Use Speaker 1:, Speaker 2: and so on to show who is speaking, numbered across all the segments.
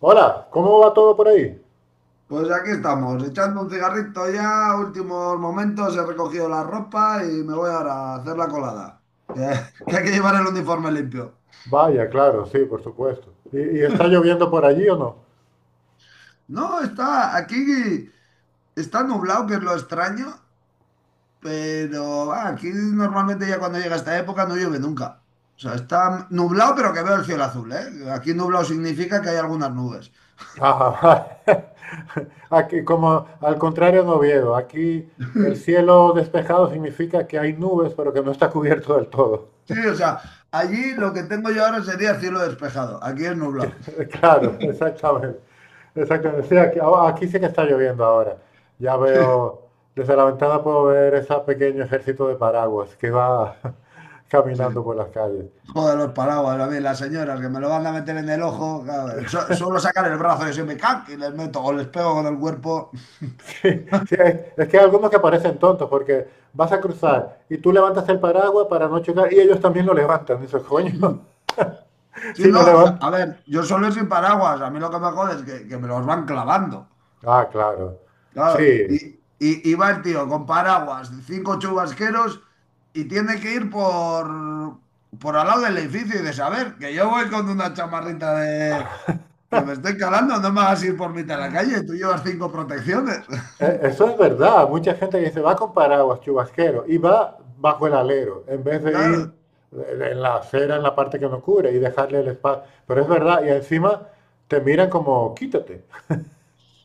Speaker 1: Hola, ¿cómo va todo por ahí?
Speaker 2: Pues aquí estamos, echando un cigarrito ya, últimos momentos, he recogido la ropa y me voy ahora a hacer la colada, que, que hay que llevar el uniforme limpio.
Speaker 1: Vaya, claro, sí, por supuesto. ¿Y está lloviendo por allí o no?
Speaker 2: No, está aquí, está nublado, que es lo extraño, pero va, aquí normalmente ya cuando llega esta época no llueve nunca. O sea, está nublado, pero que veo el cielo azul, ¿eh? Aquí nublado significa que hay algunas nubes.
Speaker 1: Ajá. Aquí, como al contrario en Oviedo, aquí el cielo despejado significa que hay nubes, pero que no está cubierto del todo.
Speaker 2: Sí, o sea, allí lo que tengo yo ahora sería cielo despejado, aquí es nublado.
Speaker 1: Claro, exactamente. Exactamente. Sí, aquí sí que está lloviendo ahora. Ya veo, desde la ventana puedo ver ese pequeño ejército de paraguas que va caminando
Speaker 2: Sí.
Speaker 1: por las calles.
Speaker 2: Joder, los paraguas, a mí, las señoras que me lo van a meter en el ojo, cabrón. Suelo sacar el brazo y se me cac y les meto o les pego con el cuerpo.
Speaker 1: Sí, sí, es que hay algunos que parecen tontos porque vas a cruzar y tú levantas el paraguas para no chocar y ellos también lo levantan. Dices, coño,
Speaker 2: Si
Speaker 1: sí
Speaker 2: no,
Speaker 1: lo levantan.
Speaker 2: a ver, yo solo sin paraguas, a mí lo que me jode es que, me los van clavando.
Speaker 1: Ah, claro. Sí,
Speaker 2: Claro, y, y, y va el tío con paraguas, cinco chubasqueros y tiene que ir por al lado del edificio y de saber que yo voy con una chamarrita de... que me estoy calando, no me hagas ir por mitad de la calle, tú llevas cinco protecciones.
Speaker 1: eso es verdad. Mucha gente que dice, va con paraguas, chubasquero, y va bajo el alero, en vez de ir
Speaker 2: Claro.
Speaker 1: en la acera, en la parte que no cubre y dejarle el espacio. Pero es verdad, y encima te miran como, quítate.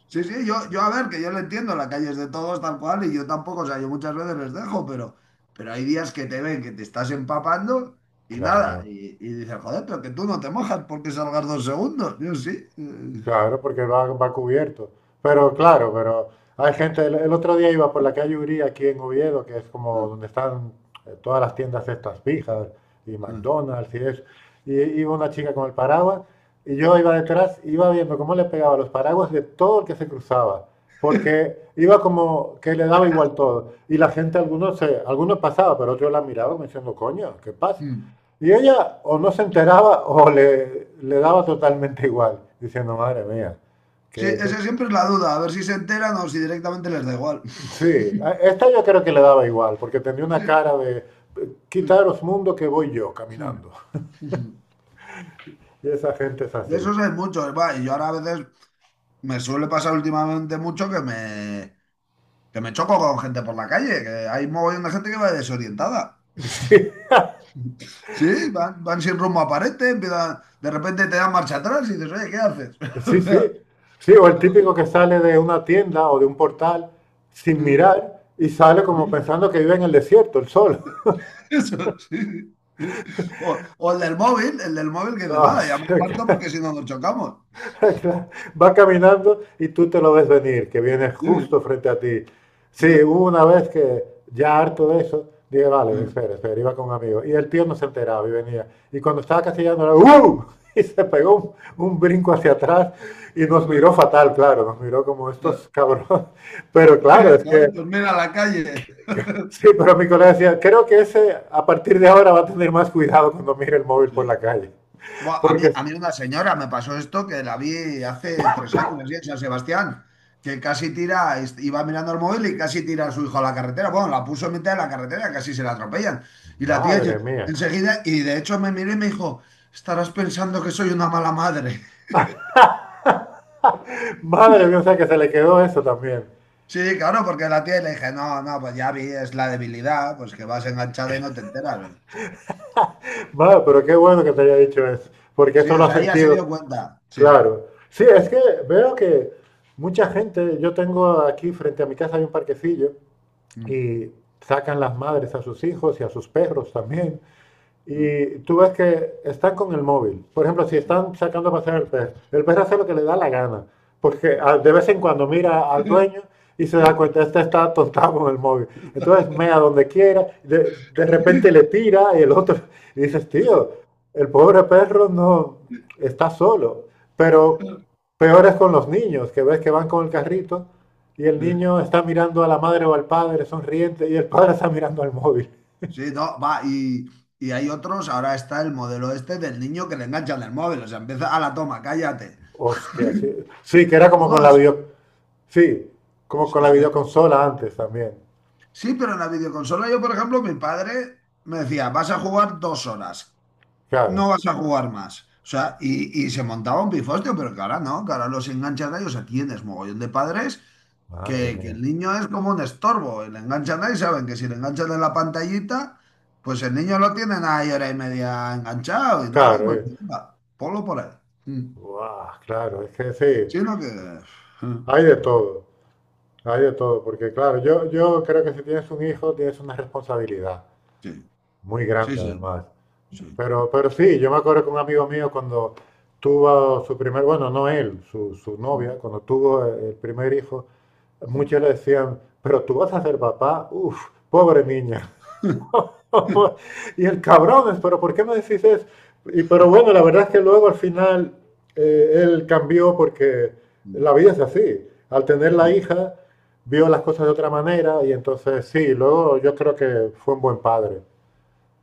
Speaker 2: Sí, sí, yo a ver, que yo lo entiendo, la calle es de todos tal cual y yo tampoco, o sea, yo muchas veces les dejo, pero hay días que te ven que te estás empapando y nada,
Speaker 1: Claro.
Speaker 2: y dices, joder, pero que tú no te mojas porque salgas 2 segundos. Yo sí.
Speaker 1: Claro, porque va, va cubierto. Pero claro, pero hay gente, el otro día iba por la calle Uría aquí en Oviedo, que es como donde están todas las tiendas estas fijas y McDonald's y eso. Y iba una chica con el paraguas y yo iba detrás, iba viendo cómo le pegaba los paraguas de todo el que se cruzaba, porque iba como que le daba igual todo. Y la gente, algunos, algunos pasaba, pero otros la miraban como diciendo, coño, ¿qué pasa? Y ella o no se enteraba o le daba totalmente igual, diciendo, madre mía,
Speaker 2: Sí,
Speaker 1: que, que-
Speaker 2: esa siempre es la duda, a ver si se enteran o si directamente les da igual.
Speaker 1: sí, esta yo creo que le daba igual, porque tenía una cara de, quitaros mundo que voy yo caminando. Y esa gente es
Speaker 2: De
Speaker 1: así.
Speaker 2: esos hay muchos, va, y yo ahora a veces me suele pasar últimamente mucho que me, choco con gente por la calle, que hay mogollón de gente que va desorientada. Sí, van sin rumbo a parete, de repente te dan marcha atrás y dices, oye, ¿qué haces?
Speaker 1: Sí, sí, sí. Sí, o el
Speaker 2: O
Speaker 1: típico
Speaker 2: sea,
Speaker 1: que sale de una tienda o de un portal sin
Speaker 2: sí,
Speaker 1: mirar y sale
Speaker 2: sí,
Speaker 1: como
Speaker 2: sí,
Speaker 1: pensando que vive en el desierto, el sol.
Speaker 2: eso, sí, sí. O el del móvil que dice,
Speaker 1: No, o
Speaker 2: nada, ya me
Speaker 1: sea
Speaker 2: aparto
Speaker 1: que-
Speaker 2: porque si no nos chocamos.
Speaker 1: Va caminando y tú te lo ves venir, que viene
Speaker 2: Sí,
Speaker 1: justo frente a ti.
Speaker 2: sí,
Speaker 1: Sí, hubo una vez que ya harto de eso, dije,
Speaker 2: sí.
Speaker 1: vale, espera, espera, iba con un amigo. Y el tío no se enteraba y venía. Y cuando estaba casi llegando, ¡uh! Y se pegó un brinco hacia atrás y nos miró fatal, claro, nos miró como estos cabrones. Pero
Speaker 2: Cada
Speaker 1: claro, es que
Speaker 2: vez termina la calle.
Speaker 1: sí, pero mi colega decía, creo que ese a partir de ahora va a tener más cuidado cuando mire el móvil por la
Speaker 2: Sí.
Speaker 1: calle.
Speaker 2: Buah, a mí,
Speaker 1: Porque,
Speaker 2: a mí una señora me pasó esto que la vi hace 3 años así, en San Sebastián, que casi tira, iba mirando el móvil y casi tira a su hijo a la carretera. Bueno, la puso en mitad de la carretera, casi se la atropellan. Y la tía
Speaker 1: madre mía,
Speaker 2: enseguida, y de hecho me miré y me dijo, estarás pensando que soy una mala madre.
Speaker 1: madre mía, o sea que se le quedó eso también.
Speaker 2: Sí, claro, porque la tía le dije, no, no, pues ya vi, es la debilidad, pues que vas enganchada y no te enteras.
Speaker 1: Madre, pero qué bueno que te haya dicho eso, porque
Speaker 2: Sí,
Speaker 1: eso
Speaker 2: o
Speaker 1: lo ha
Speaker 2: sea, ella se
Speaker 1: sentido,
Speaker 2: dio cuenta. Sí.
Speaker 1: claro. Sí, es
Speaker 2: Mm,
Speaker 1: que veo que mucha gente, yo tengo aquí frente a mi casa hay un parquecillo
Speaker 2: mm,
Speaker 1: y sacan las madres a sus hijos y a sus perros también y tú ves que están con el móvil. Por ejemplo, si
Speaker 2: mm,
Speaker 1: están sacando a pasear al perro, el perro hace lo que le da la gana, porque
Speaker 2: mm,
Speaker 1: de vez en cuando mira al dueño y se da cuenta, este está atontado con el móvil. Entonces mea donde quiera, de repente le tira y el otro, y dices, tío, el pobre perro no está solo. Pero peor es con los niños, que ves que van con el carrito y el
Speaker 2: mm.
Speaker 1: niño está mirando a la madre o al padre sonriente y el padre está mirando al móvil.
Speaker 2: Sí, no, va, y hay otros, ahora está el modelo este del niño que le enganchan el móvil, o sea, empieza a la toma, cállate.
Speaker 1: Hostia, sí. Sí, que era
Speaker 2: No,
Speaker 1: como con
Speaker 2: no,
Speaker 1: la video. Sí, como
Speaker 2: es-
Speaker 1: con la
Speaker 2: es-
Speaker 1: videoconsola antes también.
Speaker 2: sí, pero en la videoconsola yo, por ejemplo, mi padre me decía, vas a jugar 2 horas, no
Speaker 1: Claro.
Speaker 2: vas a jugar más. O sea, y se montaba un pifostio, pero que ahora no, que ahora los enganchan a ellos, aquí tienes mogollón de padres
Speaker 1: Madre
Speaker 2: que
Speaker 1: mía.
Speaker 2: el niño es como un estorbo, y le enganchan ahí, saben que si le enganchan en la pantallita, pues el niño lo tienen ahí hora y media enganchado y nada,
Speaker 1: Claro,
Speaker 2: pues venga, ponlo por ahí. Mm.
Speaker 1: Guau, claro, es que sí.
Speaker 2: Sino que...
Speaker 1: Hay de todo. Hay de todo. Porque, claro, yo creo que si tienes un hijo, tienes una responsabilidad.
Speaker 2: Sí,
Speaker 1: Muy
Speaker 2: sí,
Speaker 1: grande,
Speaker 2: sí,
Speaker 1: además.
Speaker 2: sí.
Speaker 1: Pero sí, yo me acuerdo que un amigo mío cuando tuvo su primer, bueno, no él, su
Speaker 2: Mm,
Speaker 1: novia, cuando tuvo el primer hijo, muchos le decían, pero tú vas a ser papá, uff, pobre niña. Y el cabrón, pero ¿por qué me decís eso? Y, pero bueno, la verdad es que luego al final él cambió porque
Speaker 2: mm.
Speaker 1: la vida es así. Al tener la
Speaker 2: Sí.
Speaker 1: hija, vio las cosas de otra manera y entonces sí, luego yo creo que fue un buen padre.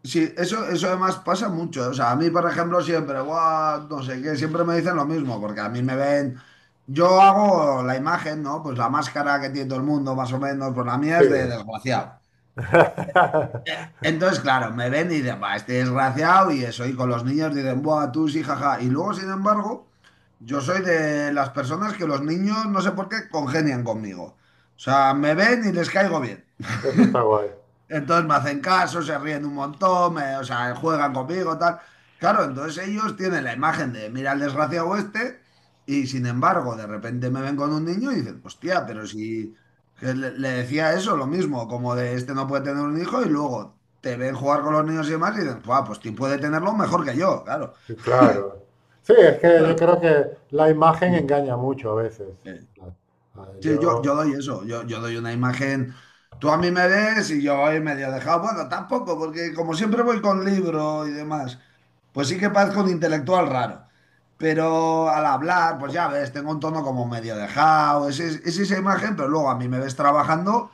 Speaker 2: Sí, eso además pasa mucho. O sea, a mí, por ejemplo, siempre, "Buah, no sé qué, siempre me dicen lo mismo, porque a mí me ven, yo hago la imagen, ¿no? Pues la máscara que tiene todo el mundo, más o menos, pues la mía
Speaker 1: Sí,
Speaker 2: es de desgraciado. Entonces, claro, me ven y dicen, va, este desgraciado y eso, y con los niños dicen, buah, tú sí, jaja. Y luego, sin embargo, yo soy de las personas que los niños, no sé por qué, congenian conmigo. O sea, me ven y les caigo bien.
Speaker 1: eso está guay.
Speaker 2: Entonces me hacen caso, se ríen un montón, o sea, juegan conmigo, tal. Claro, entonces ellos tienen la imagen de, mira el desgraciado este, y sin embargo, de repente me ven con un niño y dicen, hostia, pero si que le decía eso, lo mismo, como de este no puede tener un hijo, y luego te ven jugar con los niños y demás, y dicen, "Buah, pues ti puede tenerlo mejor que yo, claro.
Speaker 1: Sí, claro. Sí, es que yo creo que la imagen engaña mucho a veces.
Speaker 2: Eh,
Speaker 1: Ah,
Speaker 2: Sí, yo doy eso, yo doy una imagen. Tú a mí me ves y yo voy medio dejado. Bueno, tampoco, porque como siempre voy con libro y demás. Pues sí que parezco un intelectual raro, pero al hablar, pues ya ves, tengo un tono como medio dejado, es esa imagen, pero luego a mí me ves trabajando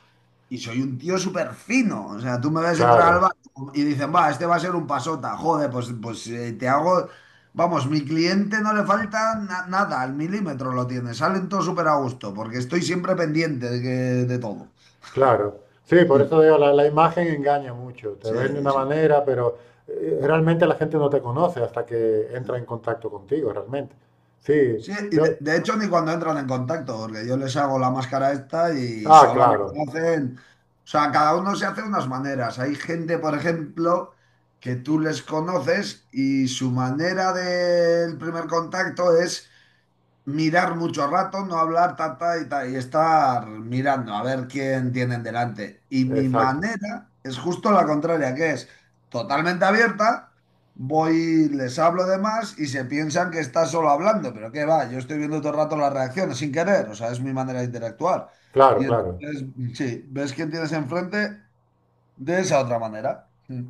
Speaker 2: y soy un tío súper fino. O sea, tú me ves entrar al
Speaker 1: claro.
Speaker 2: bar y dicen, va, este va a ser un pasota, joder, pues te hago, vamos, mi cliente no le falta nada, al milímetro lo tiene, salen todos súper a gusto, porque estoy siempre pendiente de, de todo.
Speaker 1: Claro, sí, por eso digo, la imagen engaña mucho, te
Speaker 2: Sí,
Speaker 1: ven de una
Speaker 2: sí.
Speaker 1: manera, pero realmente la gente no te conoce hasta que entra en contacto contigo, realmente. Sí,
Speaker 2: Sí, y de,
Speaker 1: yo,
Speaker 2: de hecho ni cuando entran en contacto, porque yo les hago la máscara esta y solo me
Speaker 1: claro,
Speaker 2: conocen. O sea, cada uno se hace unas maneras. Hay gente, por ejemplo, que tú les conoces y su manera del primer contacto es mirar mucho rato, no hablar tata y estar mirando a ver quién tienen delante. Y mi
Speaker 1: exacto,
Speaker 2: manera es justo la contraria, que es totalmente abierta, voy, les hablo de más y se piensan que está solo hablando, pero qué va, yo estoy viendo todo el rato las reacciones sin querer, o sea, es mi manera de interactuar.
Speaker 1: claro,
Speaker 2: Y
Speaker 1: claro.
Speaker 2: entonces, sí, ves quién tienes enfrente de esa otra manera. Mm.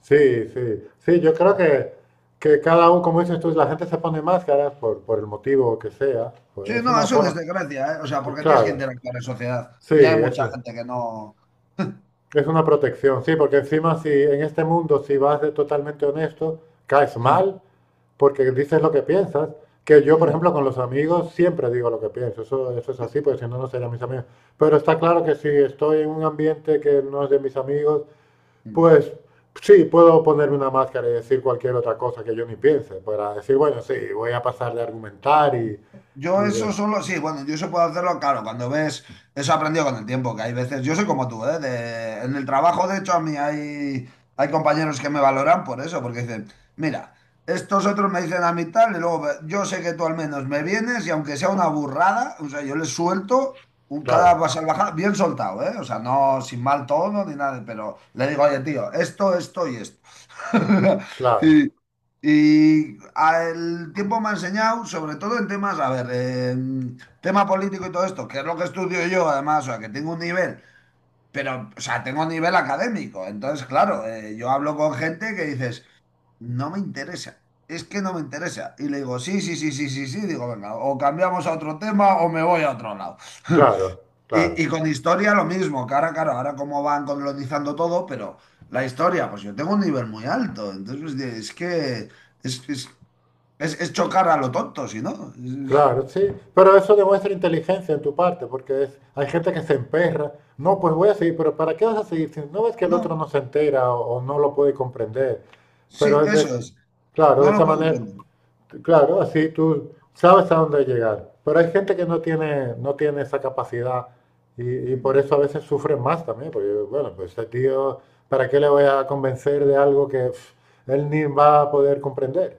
Speaker 1: Sí, sí, sí, yo creo
Speaker 2: Claro.
Speaker 1: que cada uno, como dices tú, la gente se pone máscaras por el motivo que sea, pues
Speaker 2: Sí,
Speaker 1: es
Speaker 2: no,
Speaker 1: una
Speaker 2: eso es
Speaker 1: forma,
Speaker 2: desgracia, ¿eh? O sea, porque tienes que
Speaker 1: claro,
Speaker 2: interactuar en sociedad.
Speaker 1: sí,
Speaker 2: Y hay mucha
Speaker 1: eso
Speaker 2: gente que no...
Speaker 1: es una protección, sí, porque encima si en este mundo si vas de totalmente honesto, caes mal. Porque dices lo que piensas. Que yo, por ejemplo, con los amigos siempre digo lo que pienso. Eso es así, porque si no, no serían mis amigos. Pero está claro que si estoy en un ambiente que no es de mis amigos, pues sí, puedo ponerme una máscara y decir cualquier otra cosa que yo ni piense. Para decir, bueno, sí, voy a pasar de argumentar y
Speaker 2: Yo
Speaker 1: de...
Speaker 2: eso solo, sí, bueno, yo eso puedo hacerlo, claro, cuando ves, eso he aprendido con el tiempo, que hay veces, yo soy como tú, ¿eh? En el trabajo, de hecho, a mí hay, compañeros que me valoran por eso, porque dicen, mira, estos otros me dicen a mí tal, y luego yo sé que tú al menos me vienes y aunque sea una burrada, o sea, yo les suelto un
Speaker 1: Claro,
Speaker 2: cada salvajada bien soltado, ¿eh? O sea, no sin mal tono ni nada, pero le digo, oye, tío, esto y esto.
Speaker 1: claro,
Speaker 2: Y, y el tiempo me ha enseñado, sobre todo en temas, a ver, tema político y todo esto, que es lo que estudio yo además, o sea, que tengo un nivel, pero, o sea, tengo un nivel académico. Entonces, claro, yo hablo con gente que dices, no me interesa, es que no me interesa. Y le digo, sí, sí, sí, sí, sí, sí, digo, venga, o cambiamos a otro tema o me voy a otro lado.
Speaker 1: claro,
Speaker 2: Y,
Speaker 1: claro.
Speaker 2: y con historia lo mismo, que ahora, claro, ahora como van colonizando todo, pero la historia, pues yo tengo un nivel muy alto, entonces, pues, es que... Es, es- es chocar a lo tonto, si no.
Speaker 1: Claro, sí, pero eso demuestra inteligencia en tu parte, porque es, hay gente que se emperra. No, pues voy a seguir, pero ¿para qué vas a seguir? Si no ves que el otro
Speaker 2: No,
Speaker 1: no se entera o no lo puede comprender. Pero
Speaker 2: sí,
Speaker 1: es de-
Speaker 2: eso es.
Speaker 1: claro,
Speaker 2: No
Speaker 1: de esa
Speaker 2: lo puedo
Speaker 1: manera,
Speaker 2: comprender.
Speaker 1: claro, así tú sabes a dónde llegar. Pero hay gente que no tiene esa capacidad y por
Speaker 2: Mm.
Speaker 1: eso a veces sufren más también, porque bueno, pues este tío, ¿para qué le voy a convencer de algo que pf, él ni va a poder comprender?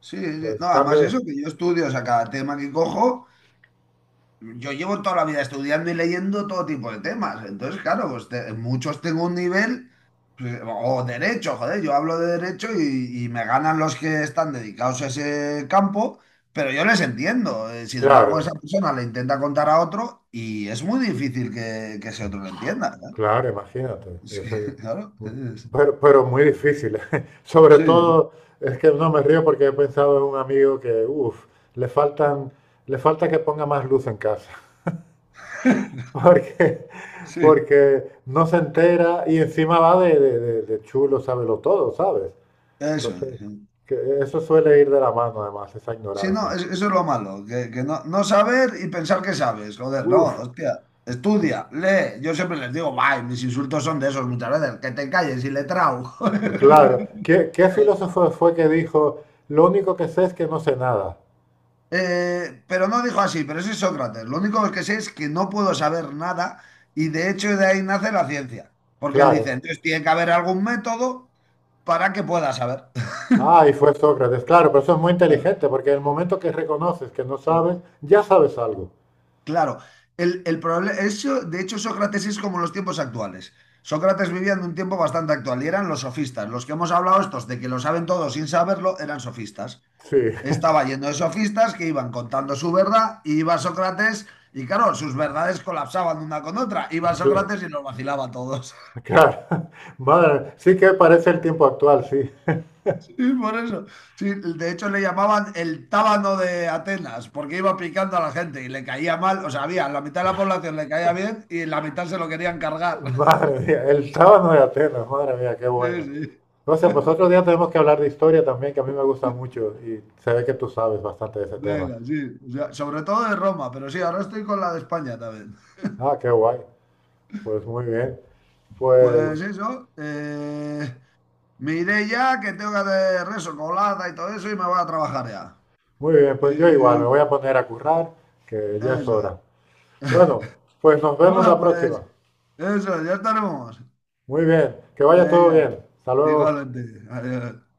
Speaker 2: Sí, sí.
Speaker 1: Pues
Speaker 2: No, además
Speaker 1: cambio
Speaker 2: eso,
Speaker 1: de,
Speaker 2: que yo estudio, o sea, cada tema que cojo, yo llevo toda la vida estudiando y leyendo todo tipo de temas. Entonces, claro, pues muchos tengo un nivel, pues, o derecho, joder, yo hablo de derecho y me ganan los que están dedicados a ese campo, pero yo les entiendo. Sin embargo, esa
Speaker 1: claro.
Speaker 2: persona le intenta contar a otro y es muy difícil que, ese otro lo entienda, ¿verdad?
Speaker 1: Claro, imagínate.
Speaker 2: Es que,
Speaker 1: eso es-
Speaker 2: claro.
Speaker 1: pero, pero muy difícil. Sobre
Speaker 2: Sí,
Speaker 1: todo, es que no me río porque he pensado en un amigo que, uff, le faltan, le falta que ponga más luz en casa. Porque,
Speaker 2: sí,
Speaker 1: porque no se entera y encima va de chulo, sábelo todo, ¿sabes?
Speaker 2: eso es,
Speaker 1: Entonces,
Speaker 2: sí.
Speaker 1: que eso suele ir de la mano además, esa
Speaker 2: Sí, no,
Speaker 1: ignorancia.
Speaker 2: eso es lo malo, que, no saber y pensar que sabes, joder, no,
Speaker 1: Uf,
Speaker 2: hostia, estudia, lee. Yo siempre les digo, bye, mis insultos son de esos muchas veces, que te calles y letrao.
Speaker 1: claro.
Speaker 2: Joder.
Speaker 1: ¿Qué filósofo fue que dijo, lo único que sé es que no sé nada?
Speaker 2: Pero no dijo así, pero ese es Sócrates. Lo único que sé es que no puedo saber nada y de hecho de ahí nace la ciencia, porque él
Speaker 1: Claro.
Speaker 2: dice, entonces tiene que haber algún método para que pueda saber.
Speaker 1: Ah, y fue Sócrates. Claro, pero eso es muy inteligente, porque en el momento que reconoces que no sabes, ya sabes algo.
Speaker 2: Claro, el problema, eso, de hecho Sócrates es como los tiempos actuales. Sócrates vivía en un tiempo bastante actual y eran los sofistas. Los que hemos hablado estos de que lo saben todos sin saberlo eran sofistas.
Speaker 1: Sí,
Speaker 2: Estaba lleno de sofistas que iban contando su verdad y iba Sócrates y claro, sus verdades colapsaban una con otra. Iba
Speaker 1: cla-
Speaker 2: Sócrates y los vacilaba a todos.
Speaker 1: claro. Madre, sí que parece el tiempo actual, sí.
Speaker 2: Sí, por eso. Sí, de hecho le llamaban el tábano de Atenas porque iba picando a la gente y le caía mal. O sea, había la mitad de la población le caía bien y la mitad se lo querían cargar.
Speaker 1: Madre mía, el sábado de Atenas, madre mía, qué
Speaker 2: Sí,
Speaker 1: bueno.
Speaker 2: sí.
Speaker 1: O sea, pues otro día tenemos que hablar de historia también, que a mí me gusta mucho y se ve que tú sabes bastante de ese tema.
Speaker 2: Venga, sí. O sea, sobre todo de Roma, pero sí, ahora estoy con la de España también.
Speaker 1: Ah, qué guay. Pues muy bien.
Speaker 2: Pues
Speaker 1: Pues
Speaker 2: eso. Me iré ya, que tengo que hacer rezo, colada y todo eso, y me voy a trabajar ya.
Speaker 1: muy bien, pues yo igual me
Speaker 2: Eh,
Speaker 1: voy a poner a currar, que ya es
Speaker 2: eso es.
Speaker 1: hora. Bueno, pues nos vemos
Speaker 2: Bueno,
Speaker 1: la próxima.
Speaker 2: pues eso, ya estaremos.
Speaker 1: Muy bien, que vaya todo
Speaker 2: Venga,
Speaker 1: bien. Hasta luego.
Speaker 2: igualmente. Adiós.